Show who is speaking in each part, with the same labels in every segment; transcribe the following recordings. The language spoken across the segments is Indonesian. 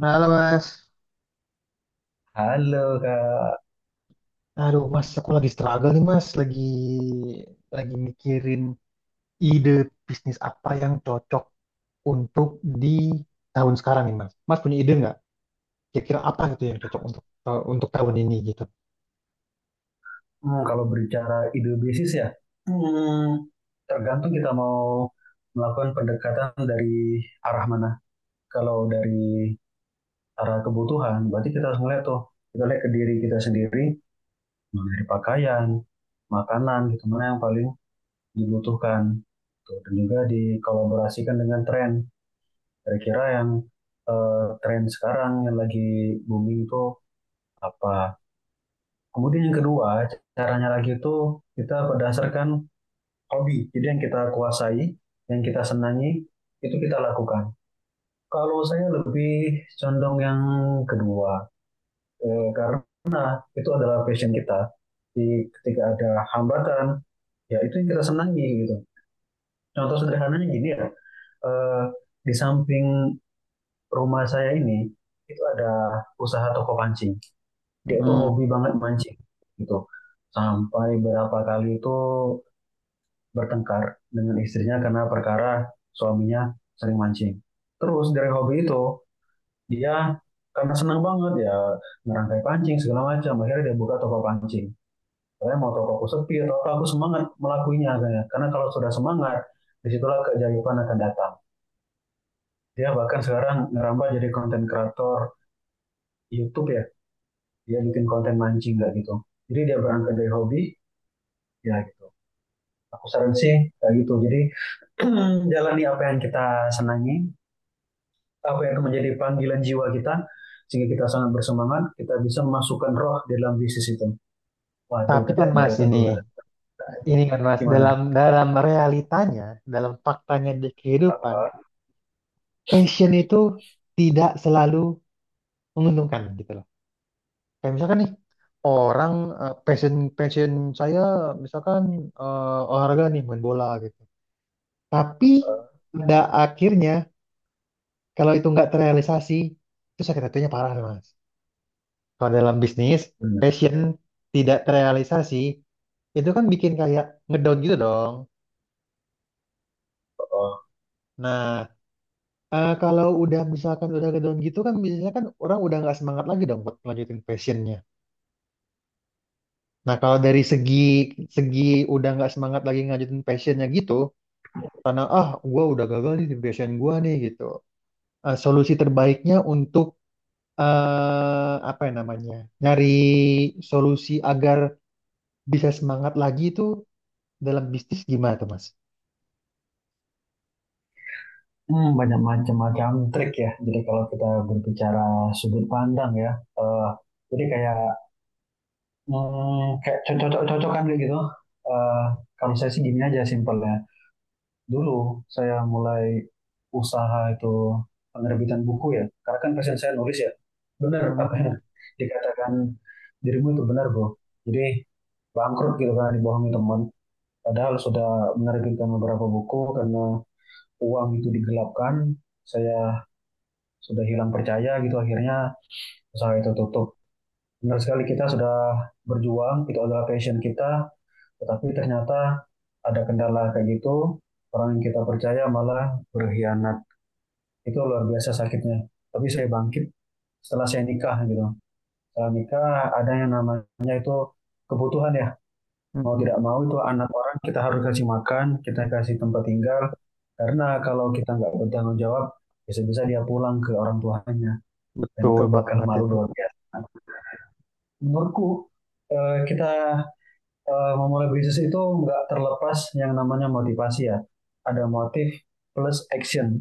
Speaker 1: Halo Mas.
Speaker 2: Halo Kak.
Speaker 1: Aduh Mas, aku lagi struggle nih Mas, lagi mikirin ide bisnis apa yang cocok untuk di tahun sekarang nih Mas. Mas punya ide nggak? Kira-kira apa gitu yang cocok untuk untuk tahun ini gitu?
Speaker 2: Kalau berbicara ide bisnis ya, Hmm, tergantung kita mau melakukan pendekatan dari arah mana. Kalau dari arah kebutuhan, berarti kita harus melihat tuh, kita lihat ke diri kita sendiri, mulai dari pakaian, makanan, gitu, mana yang paling dibutuhkan. Tuh, dan juga dikolaborasikan dengan tren. Kira-kira yang tren sekarang yang lagi booming itu apa. Kemudian yang kedua, caranya lagi itu kita berdasarkan hobi. Jadi yang kita kuasai, yang kita senangi, itu kita lakukan. Kalau saya lebih condong yang kedua, karena itu adalah passion kita. Di, ketika ada hambatan, ya itu yang kita senangi gitu. Contoh sederhananya gini ya, eh, di samping rumah saya ini, itu ada usaha toko pancing. Dia itu
Speaker 1: Hmm,
Speaker 2: hobi banget mancing gitu. Sampai berapa kali itu bertengkar dengan istrinya karena perkara suaminya sering mancing. Terus dari hobi itu dia karena senang banget ya ngerangkai pancing segala macam akhirnya dia buka toko pancing. Saya mau toko aku sepi atau apa, aku semangat melakuinya akhirnya. Karena kalau sudah semangat disitulah keajaiban akan datang. Dia bahkan sekarang ngerambah jadi konten kreator YouTube ya. Dia bikin konten mancing nggak gitu. Jadi dia berangkat dari hobi ya gitu. Aku saran sih kayak gitu. Jadi jalani apa yang kita senangi, apa yang menjadi panggilan jiwa kita sehingga kita sangat bersemangat kita bisa memasukkan roh di dalam bisnis itu, waduh
Speaker 1: tapi
Speaker 2: udah
Speaker 1: kan
Speaker 2: kayak
Speaker 1: Mas
Speaker 2: Mario
Speaker 1: ini
Speaker 2: Teguh.
Speaker 1: ini kan Mas dalam
Speaker 2: Gimana?
Speaker 1: dalam realitanya, dalam faktanya di kehidupan, passion itu tidak selalu menguntungkan gitu. Kayak misalkan nih orang, eh, passion passion saya misalkan olahraga nih main bola gitu. Tapi pada akhirnya kalau itu nggak terrealisasi itu sakit hatinya parah nih, Mas. Kalau dalam bisnis
Speaker 2: Bener.
Speaker 1: passion tidak terrealisasi itu kan bikin kayak ngedown gitu dong.
Speaker 2: Oh.
Speaker 1: Nah Kalau udah misalkan udah ngedown gitu kan biasanya kan orang udah nggak semangat lagi dong buat lanjutin passionnya. Nah kalau dari segi segi udah nggak semangat lagi ngajutin passionnya gitu karena ah gue udah gagal nih di passion gue nih gitu. Solusi terbaiknya untuk, apa ya namanya, nyari solusi agar bisa semangat lagi itu dalam bisnis gimana tuh Mas?
Speaker 2: Banyak macam-macam trik ya, jadi kalau kita berbicara sudut pandang ya, eh, jadi kayak kayak cocok-cocokan kayak gitu. Eh, kalau saya sih gini aja simpel ya. Dulu saya mulai usaha itu penerbitan buku ya. Karena kan passion saya nulis ya. Benar apa yang
Speaker 1: Hmm.
Speaker 2: dikatakan dirimu itu benar, Bro. Jadi bangkrut gitu kan dibohongi teman. Padahal sudah menerbitkan beberapa buku karena uang itu digelapkan, saya sudah hilang percaya gitu akhirnya usaha itu tutup. Benar sekali kita sudah berjuang, itu adalah passion kita, tetapi ternyata ada kendala kayak gitu, orang yang kita percaya malah berkhianat. Itu luar biasa sakitnya. Tapi saya bangkit setelah saya nikah gitu. Setelah nikah ada yang namanya itu kebutuhan ya. Mau
Speaker 1: Hmm.
Speaker 2: tidak mau itu anak orang kita harus kasih makan, kita kasih tempat tinggal. Karena kalau kita nggak bertanggung jawab, bisa-bisa dia pulang ke orang tuanya. Dan
Speaker 1: Betul
Speaker 2: itu bakal
Speaker 1: banget
Speaker 2: malu
Speaker 1: itu.
Speaker 2: luar biasa. Menurutku kita memulai bisnis itu nggak terlepas yang namanya motivasi ya. Ada motif plus action.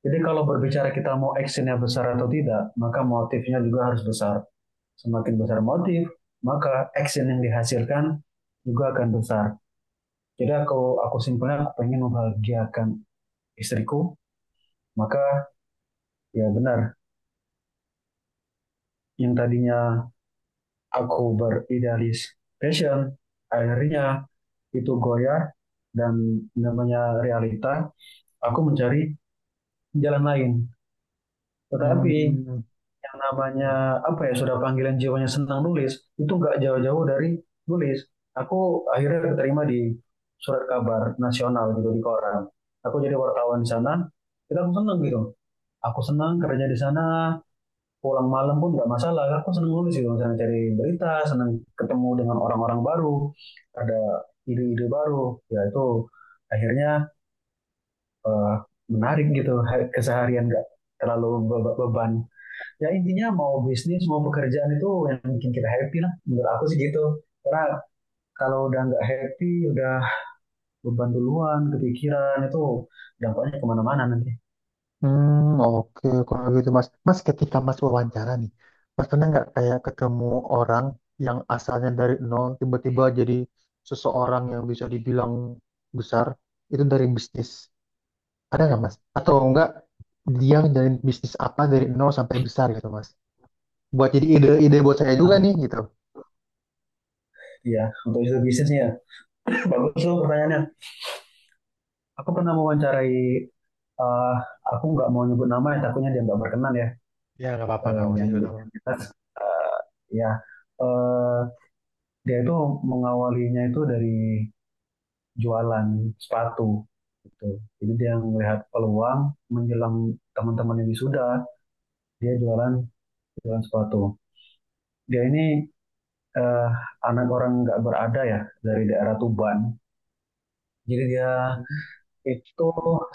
Speaker 2: Jadi kalau berbicara kita mau actionnya besar atau tidak, maka motifnya juga harus besar. Semakin besar motif, maka action yang dihasilkan juga akan besar. Jadi aku simpelnya aku pengen membahagiakan istriku, maka ya benar, yang tadinya aku beridealis passion, akhirnya itu goyah dan namanya realita, aku mencari jalan lain. Tetapi
Speaker 1: Hmm.
Speaker 2: yang namanya apa ya sudah panggilan jiwanya senang nulis itu nggak jauh-jauh dari nulis aku akhirnya keterima di surat kabar nasional gitu di koran aku jadi wartawan di sana kita aku seneng gitu aku senang kerja di sana pulang malam pun nggak masalah aku seneng nulis gitu misalnya cari berita seneng ketemu dengan orang-orang baru ada ide-ide baru ya itu akhirnya eh, menarik gitu keseharian nggak terlalu beban ya intinya mau bisnis mau pekerjaan itu yang bikin kita happy lah menurut aku sih gitu karena kalau udah nggak happy udah beban duluan kepikiran itu dampaknya kemana-mana nanti.
Speaker 1: Hmm, oke kalau gitu Mas. Mas ketika Mas wawancara nih, Mas pernah nggak kayak ketemu orang yang asalnya dari nol tiba-tiba jadi seseorang yang bisa dibilang besar itu dari bisnis? Ada nggak Mas? Atau enggak, dia ngejalanin bisnis apa dari nol sampai besar gitu Mas? Buat jadi ide-ide buat saya juga nih gitu.
Speaker 2: Iya, untuk itu bisnisnya bagus loh pertanyaannya. Aku pernah mewawancarai, eh aku nggak mau nyebut nama ya takutnya dia nggak berkenan ya.
Speaker 1: Ya nggak apa-apa,
Speaker 2: Eh,
Speaker 1: nggak usah
Speaker 2: yang
Speaker 1: juga
Speaker 2: di-
Speaker 1: tahu.
Speaker 2: eh, ya eh, Dia itu mengawalinya itu dari jualan sepatu gitu. Jadi dia melihat peluang menjelang teman-teman yang wisuda, dia jualan jualan sepatu. Dia ini eh, anak orang nggak berada ya dari daerah Tuban. Jadi dia itu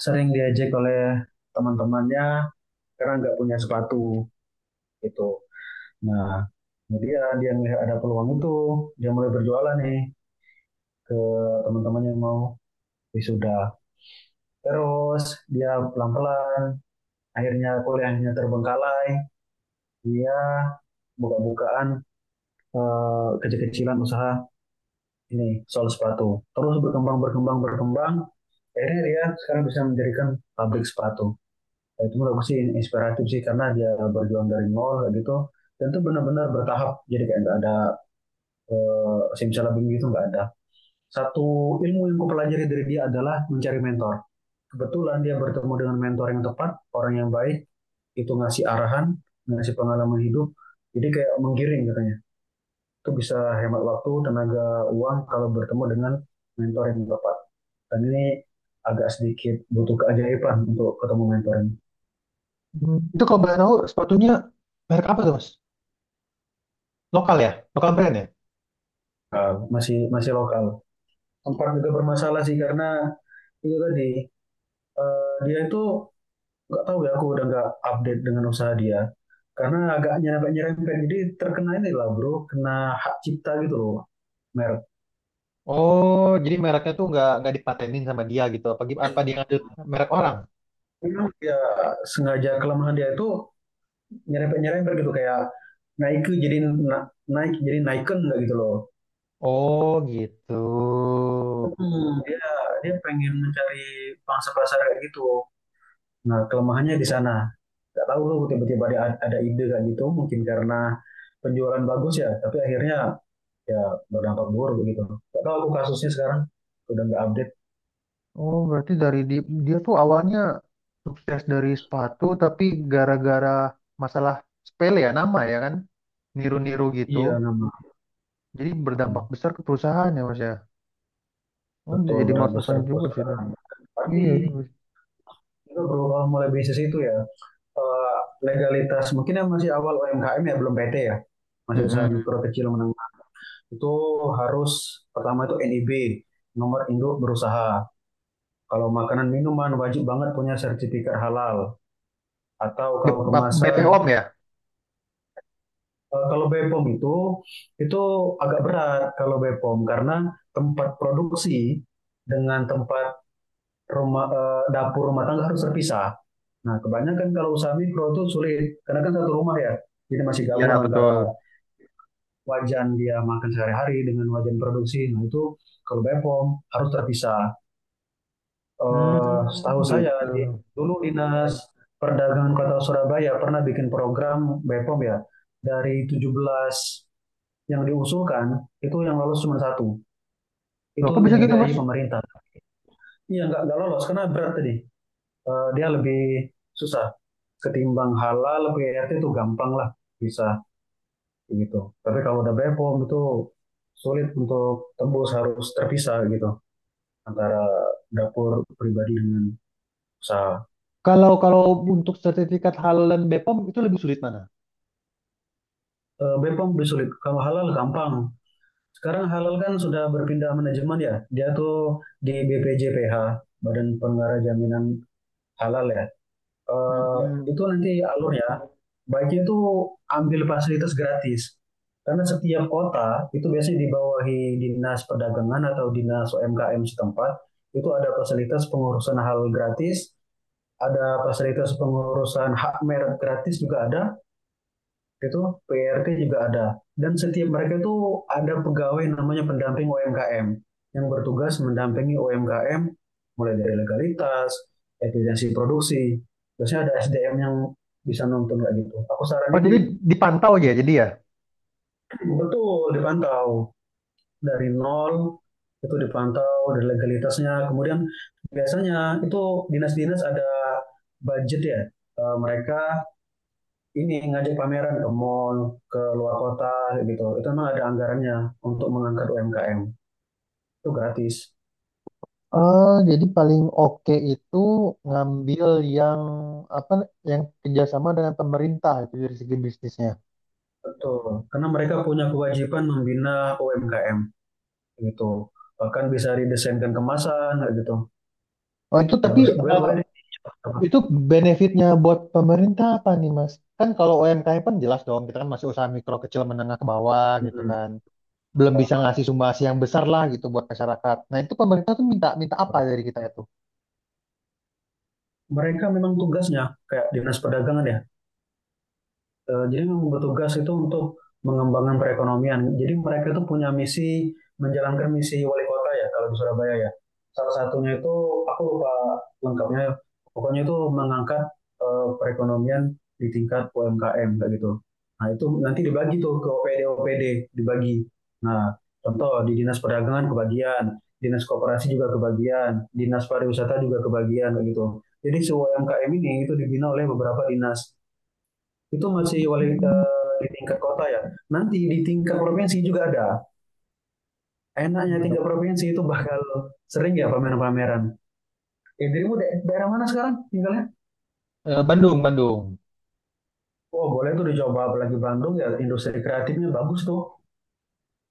Speaker 2: sering diajak oleh teman-temannya karena nggak punya sepatu gitu. Nah, kemudian dia melihat ada peluang itu, dia mulai berjualan nih ke teman-teman yang mau wisuda. Terus dia pelan-pelan akhirnya kuliahnya terbengkalai dia buka-bukaan kecil-kecilan usaha ini sol sepatu terus berkembang berkembang berkembang akhirnya dia sekarang bisa mendirikan pabrik sepatu. Nah, itu menurut aku sih inspiratif sih karena dia berjuang dari nol kayak gitu dan itu benar-benar bertahap jadi kayak nggak ada simsalabim gitu nggak ada satu ilmu yang kupelajari dari dia adalah mencari mentor, kebetulan dia bertemu dengan mentor yang tepat orang yang baik itu ngasih arahan, ngasih pengalaman hidup. Jadi kayak menggiring katanya. Itu bisa hemat waktu, tenaga, uang kalau bertemu dengan mentor yang tepat. Dan ini agak sedikit butuh keajaiban untuk ketemu mentor ini.
Speaker 1: Hmm, itu kalau boleh tahu sepatunya merek apa tuh Mas? Lokal ya, lokal brand ya.
Speaker 2: Masih masih lokal. Tempat juga bermasalah sih karena itu tadi dia itu nggak tahu ya aku udah nggak update dengan usaha dia karena agaknya agak nyerempet jadi terkena ini lah bro kena hak cipta gitu loh merek.
Speaker 1: Oh, jadi mereknya tuh nggak dipatenin sama dia gitu. Apa gim- apa dia ngambil merek orang?
Speaker 2: Memang ya sengaja kelemahan dia itu nyerempet-nyerempet gitu kayak naik jadi naik jadi naiken nggak gitu loh.
Speaker 1: Oh gitu.
Speaker 2: Hmm. Dia dia pengen mencari pangsa pasar kayak gitu. Nah, kelemahannya di sana. Nggak tahu loh tiba-tiba ada ide kayak gitu mungkin karena penjualan bagus ya, tapi akhirnya ya berdampak buruk begitu. Nggak tahu aku kasusnya sekarang udah nggak update.
Speaker 1: Oh, berarti dari di- dia tuh awalnya sukses dari sepatu, tapi gara-gara masalah sepele ya, nama ya kan? Niru-niru gitu.
Speaker 2: Iya, nama
Speaker 1: Jadi berdampak besar ke perusahaan ya Mas ya. Oh, bisa
Speaker 2: betul
Speaker 1: jadi
Speaker 2: berat
Speaker 1: masukan
Speaker 2: besar
Speaker 1: juga sih itu.
Speaker 2: perusahaan.
Speaker 1: Iya, iya.
Speaker 2: Tapi
Speaker 1: Mas.
Speaker 2: juga bro mulai bisnis itu ya eh, legalitas mungkin yang masih awal UMKM ya belum PT ya masih usaha
Speaker 1: Mm-mm.
Speaker 2: mikro kecil menengah itu harus pertama itu NIB, nomor induk berusaha, kalau makanan minuman wajib banget punya sertifikat halal atau kalau kemasan
Speaker 1: BPOM ya?
Speaker 2: kalau BPOM itu itu agak berat kalau BPOM karena tempat produksi dengan tempat rumah, dapur rumah tangga harus terpisah. Nah kebanyakan kalau usaha mikro itu sulit karena kan satu rumah ya jadi masih
Speaker 1: Ya,
Speaker 2: gabung antara
Speaker 1: betul.
Speaker 2: wajan dia makan sehari-hari dengan wajan produksi. Nah itu kalau BEPOM harus terpisah.
Speaker 1: Hmm,
Speaker 2: Setahu saya
Speaker 1: gitu.
Speaker 2: di, dulu dinas perdagangan kota Surabaya pernah bikin program BEPOM ya dari 17 yang diusulkan itu yang lolos cuma satu
Speaker 1: Loh,
Speaker 2: itu
Speaker 1: kok bisa gitu
Speaker 2: dibiayai
Speaker 1: Mas?
Speaker 2: pemerintah. Iya nggak lolos karena berat tadi. Dia lebih susah ketimbang halal PRT itu gampang lah bisa gitu. Tapi kalau udah Bepom itu sulit untuk tembus harus terpisah gitu antara dapur pribadi dengan usaha.
Speaker 1: Kalau kalau untuk sertifikat halal dan BPOM itu lebih sulit mana?
Speaker 2: Bepom lebih sulit. Kalau halal gampang. Sekarang halal kan sudah berpindah manajemen ya. Dia tuh di BPJPH, Badan Pengarah Jaminan Halal ya. eh,
Speaker 1: Mm-mm.
Speaker 2: itu nanti alurnya baiknya itu ambil fasilitas gratis karena setiap kota itu biasanya dibawahi dinas perdagangan atau dinas UMKM setempat itu ada fasilitas pengurusan hal gratis ada fasilitas pengurusan hak merek gratis juga ada itu PRT juga ada. Dan setiap mereka itu ada pegawai namanya pendamping UMKM yang bertugas mendampingi UMKM mulai dari legalitas, efisiensi produksi. Biasanya ada SDM yang bisa nonton kayak gitu. Aku
Speaker 1: Oh,
Speaker 2: saranin.
Speaker 1: jadi dipantau ya
Speaker 2: Ya,
Speaker 1: jadi ya?
Speaker 2: betul dipantau dari nol itu dipantau dari legalitasnya. Kemudian biasanya itu dinas-dinas ada budget ya. Mereka ini ngajak pameran ke mall, ke luar kota gitu. Itu memang ada anggarannya untuk mengangkat UMKM. Itu gratis.
Speaker 1: Jadi paling oke itu ngambil yang apa yang kerjasama dengan pemerintah itu dari segi bisnisnya.
Speaker 2: Betul. Karena mereka punya kewajiban membina UMKM gitu. Bahkan bisa didesainkan kemasan gitu.
Speaker 1: Oh itu
Speaker 2: Ya,
Speaker 1: tapi,
Speaker 2: boleh
Speaker 1: eh,
Speaker 2: boleh.
Speaker 1: itu benefitnya buat pemerintah apa nih, Mas? Kan kalau UMKM kan jelas dong, kita kan masih usaha mikro kecil menengah ke bawah gitu
Speaker 2: Hmm.
Speaker 1: kan. Belum bisa ngasih sumbasi yang besar lah gitu buat masyarakat. Nah, itu pemerintah tuh minta minta apa dari kita itu?
Speaker 2: Mereka memang tugasnya kayak Dinas Perdagangan ya. Jadi memang bertugas itu untuk mengembangkan perekonomian. Jadi mereka itu punya misi menjalankan misi wali kota ya kalau di Surabaya ya. Salah satunya itu aku lupa lengkapnya, ya. Pokoknya itu mengangkat perekonomian di tingkat UMKM kayak gitu. Nah itu nanti dibagi tuh ke OPD OPD dibagi. Nah contoh di dinas perdagangan kebagian, dinas koperasi juga kebagian, dinas pariwisata juga kebagian kayak gitu. Jadi si UMKM ini itu dibina oleh beberapa dinas. Itu masih wali,
Speaker 1: Hmm,
Speaker 2: di tingkat kota ya. Nanti di tingkat provinsi juga ada. Enaknya
Speaker 1: Bandung.
Speaker 2: tingkat provinsi itu bakal sering ya pameran-pameran. Dirimu daerah mana sekarang tinggalnya?
Speaker 1: Bandung, Bandung.
Speaker 2: Oh, boleh tuh dicoba apalagi Bandung ya industri kreatifnya bagus tuh.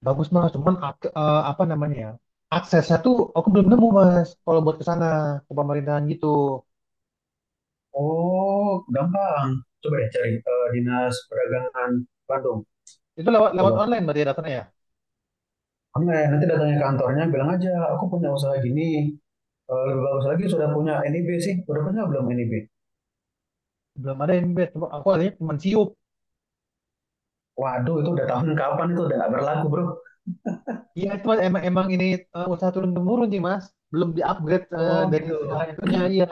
Speaker 1: Bagus Mas, cuman ak- apa namanya ya? Aksesnya tuh aku belum nemu Mas. Kalau buat ke sana ke pemerintahan gitu,
Speaker 2: Oh, gampang. Coba deh cari Dinas Perdagangan Bandung.
Speaker 1: itu lewat lewat
Speaker 2: Coba.
Speaker 1: online berarti datanya ya.
Speaker 2: Online. Nanti datangnya ke kantornya bilang aja, aku punya usaha gini. Lebih bagus lagi sudah punya NIB sih. Udah punya belum NIB?
Speaker 1: Belum ada yang bed. Coba aku adanya cuma siup.
Speaker 2: Waduh, itu udah tahun kapan itu udah nggak berlaku, bro.
Speaker 1: Iya, cuman emang emang ini, usaha turun temurun sih Mas, belum diupgrade
Speaker 2: Oh,
Speaker 1: dari
Speaker 2: gitu.
Speaker 1: segala itunya iya.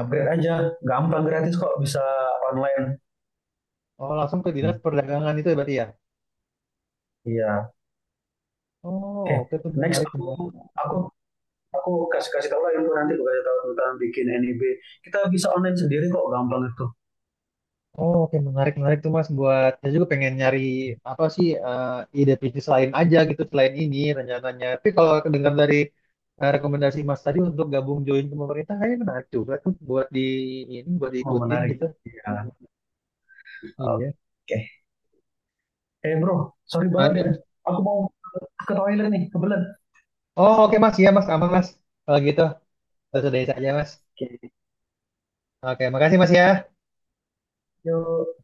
Speaker 2: Upgrade aja gampang gratis kok bisa online.
Speaker 1: Oh langsung ke dinas perdagangan itu ya berarti ya.
Speaker 2: Iya.
Speaker 1: Oh
Speaker 2: Oke. Okay.
Speaker 1: oke tuh,
Speaker 2: Next
Speaker 1: menarik menarik.
Speaker 2: aku aku kasih kasih tahu lah itu nanti aku kasih tahu tentang bikin NIB kita bisa online sendiri kok gampang itu.
Speaker 1: Oh oke, menarik menarik tuh Mas, buat saya juga pengen nyari apa sih, ide bisnis lain aja gitu selain ini rencananya. Tapi kalau dengar dari, rekomendasi Mas tadi untuk gabung join ke pemerintah kayaknya menarik juga tuh buat di ini buat
Speaker 2: Oh,
Speaker 1: diikutin
Speaker 2: menarik.
Speaker 1: gitu.
Speaker 2: Iya. Oke.
Speaker 1: Iya.
Speaker 2: Okay. Bro sorry banget
Speaker 1: Menarik ya,
Speaker 2: ya
Speaker 1: Mas.
Speaker 2: aku mau ke toilet nih kebelet. Oke.
Speaker 1: Oh oke Mas, iya Mas aman Mas. Kalau gitu, sudah saja Mas.
Speaker 2: Okay.
Speaker 1: Oke, makasih Mas ya.
Speaker 2: Yo.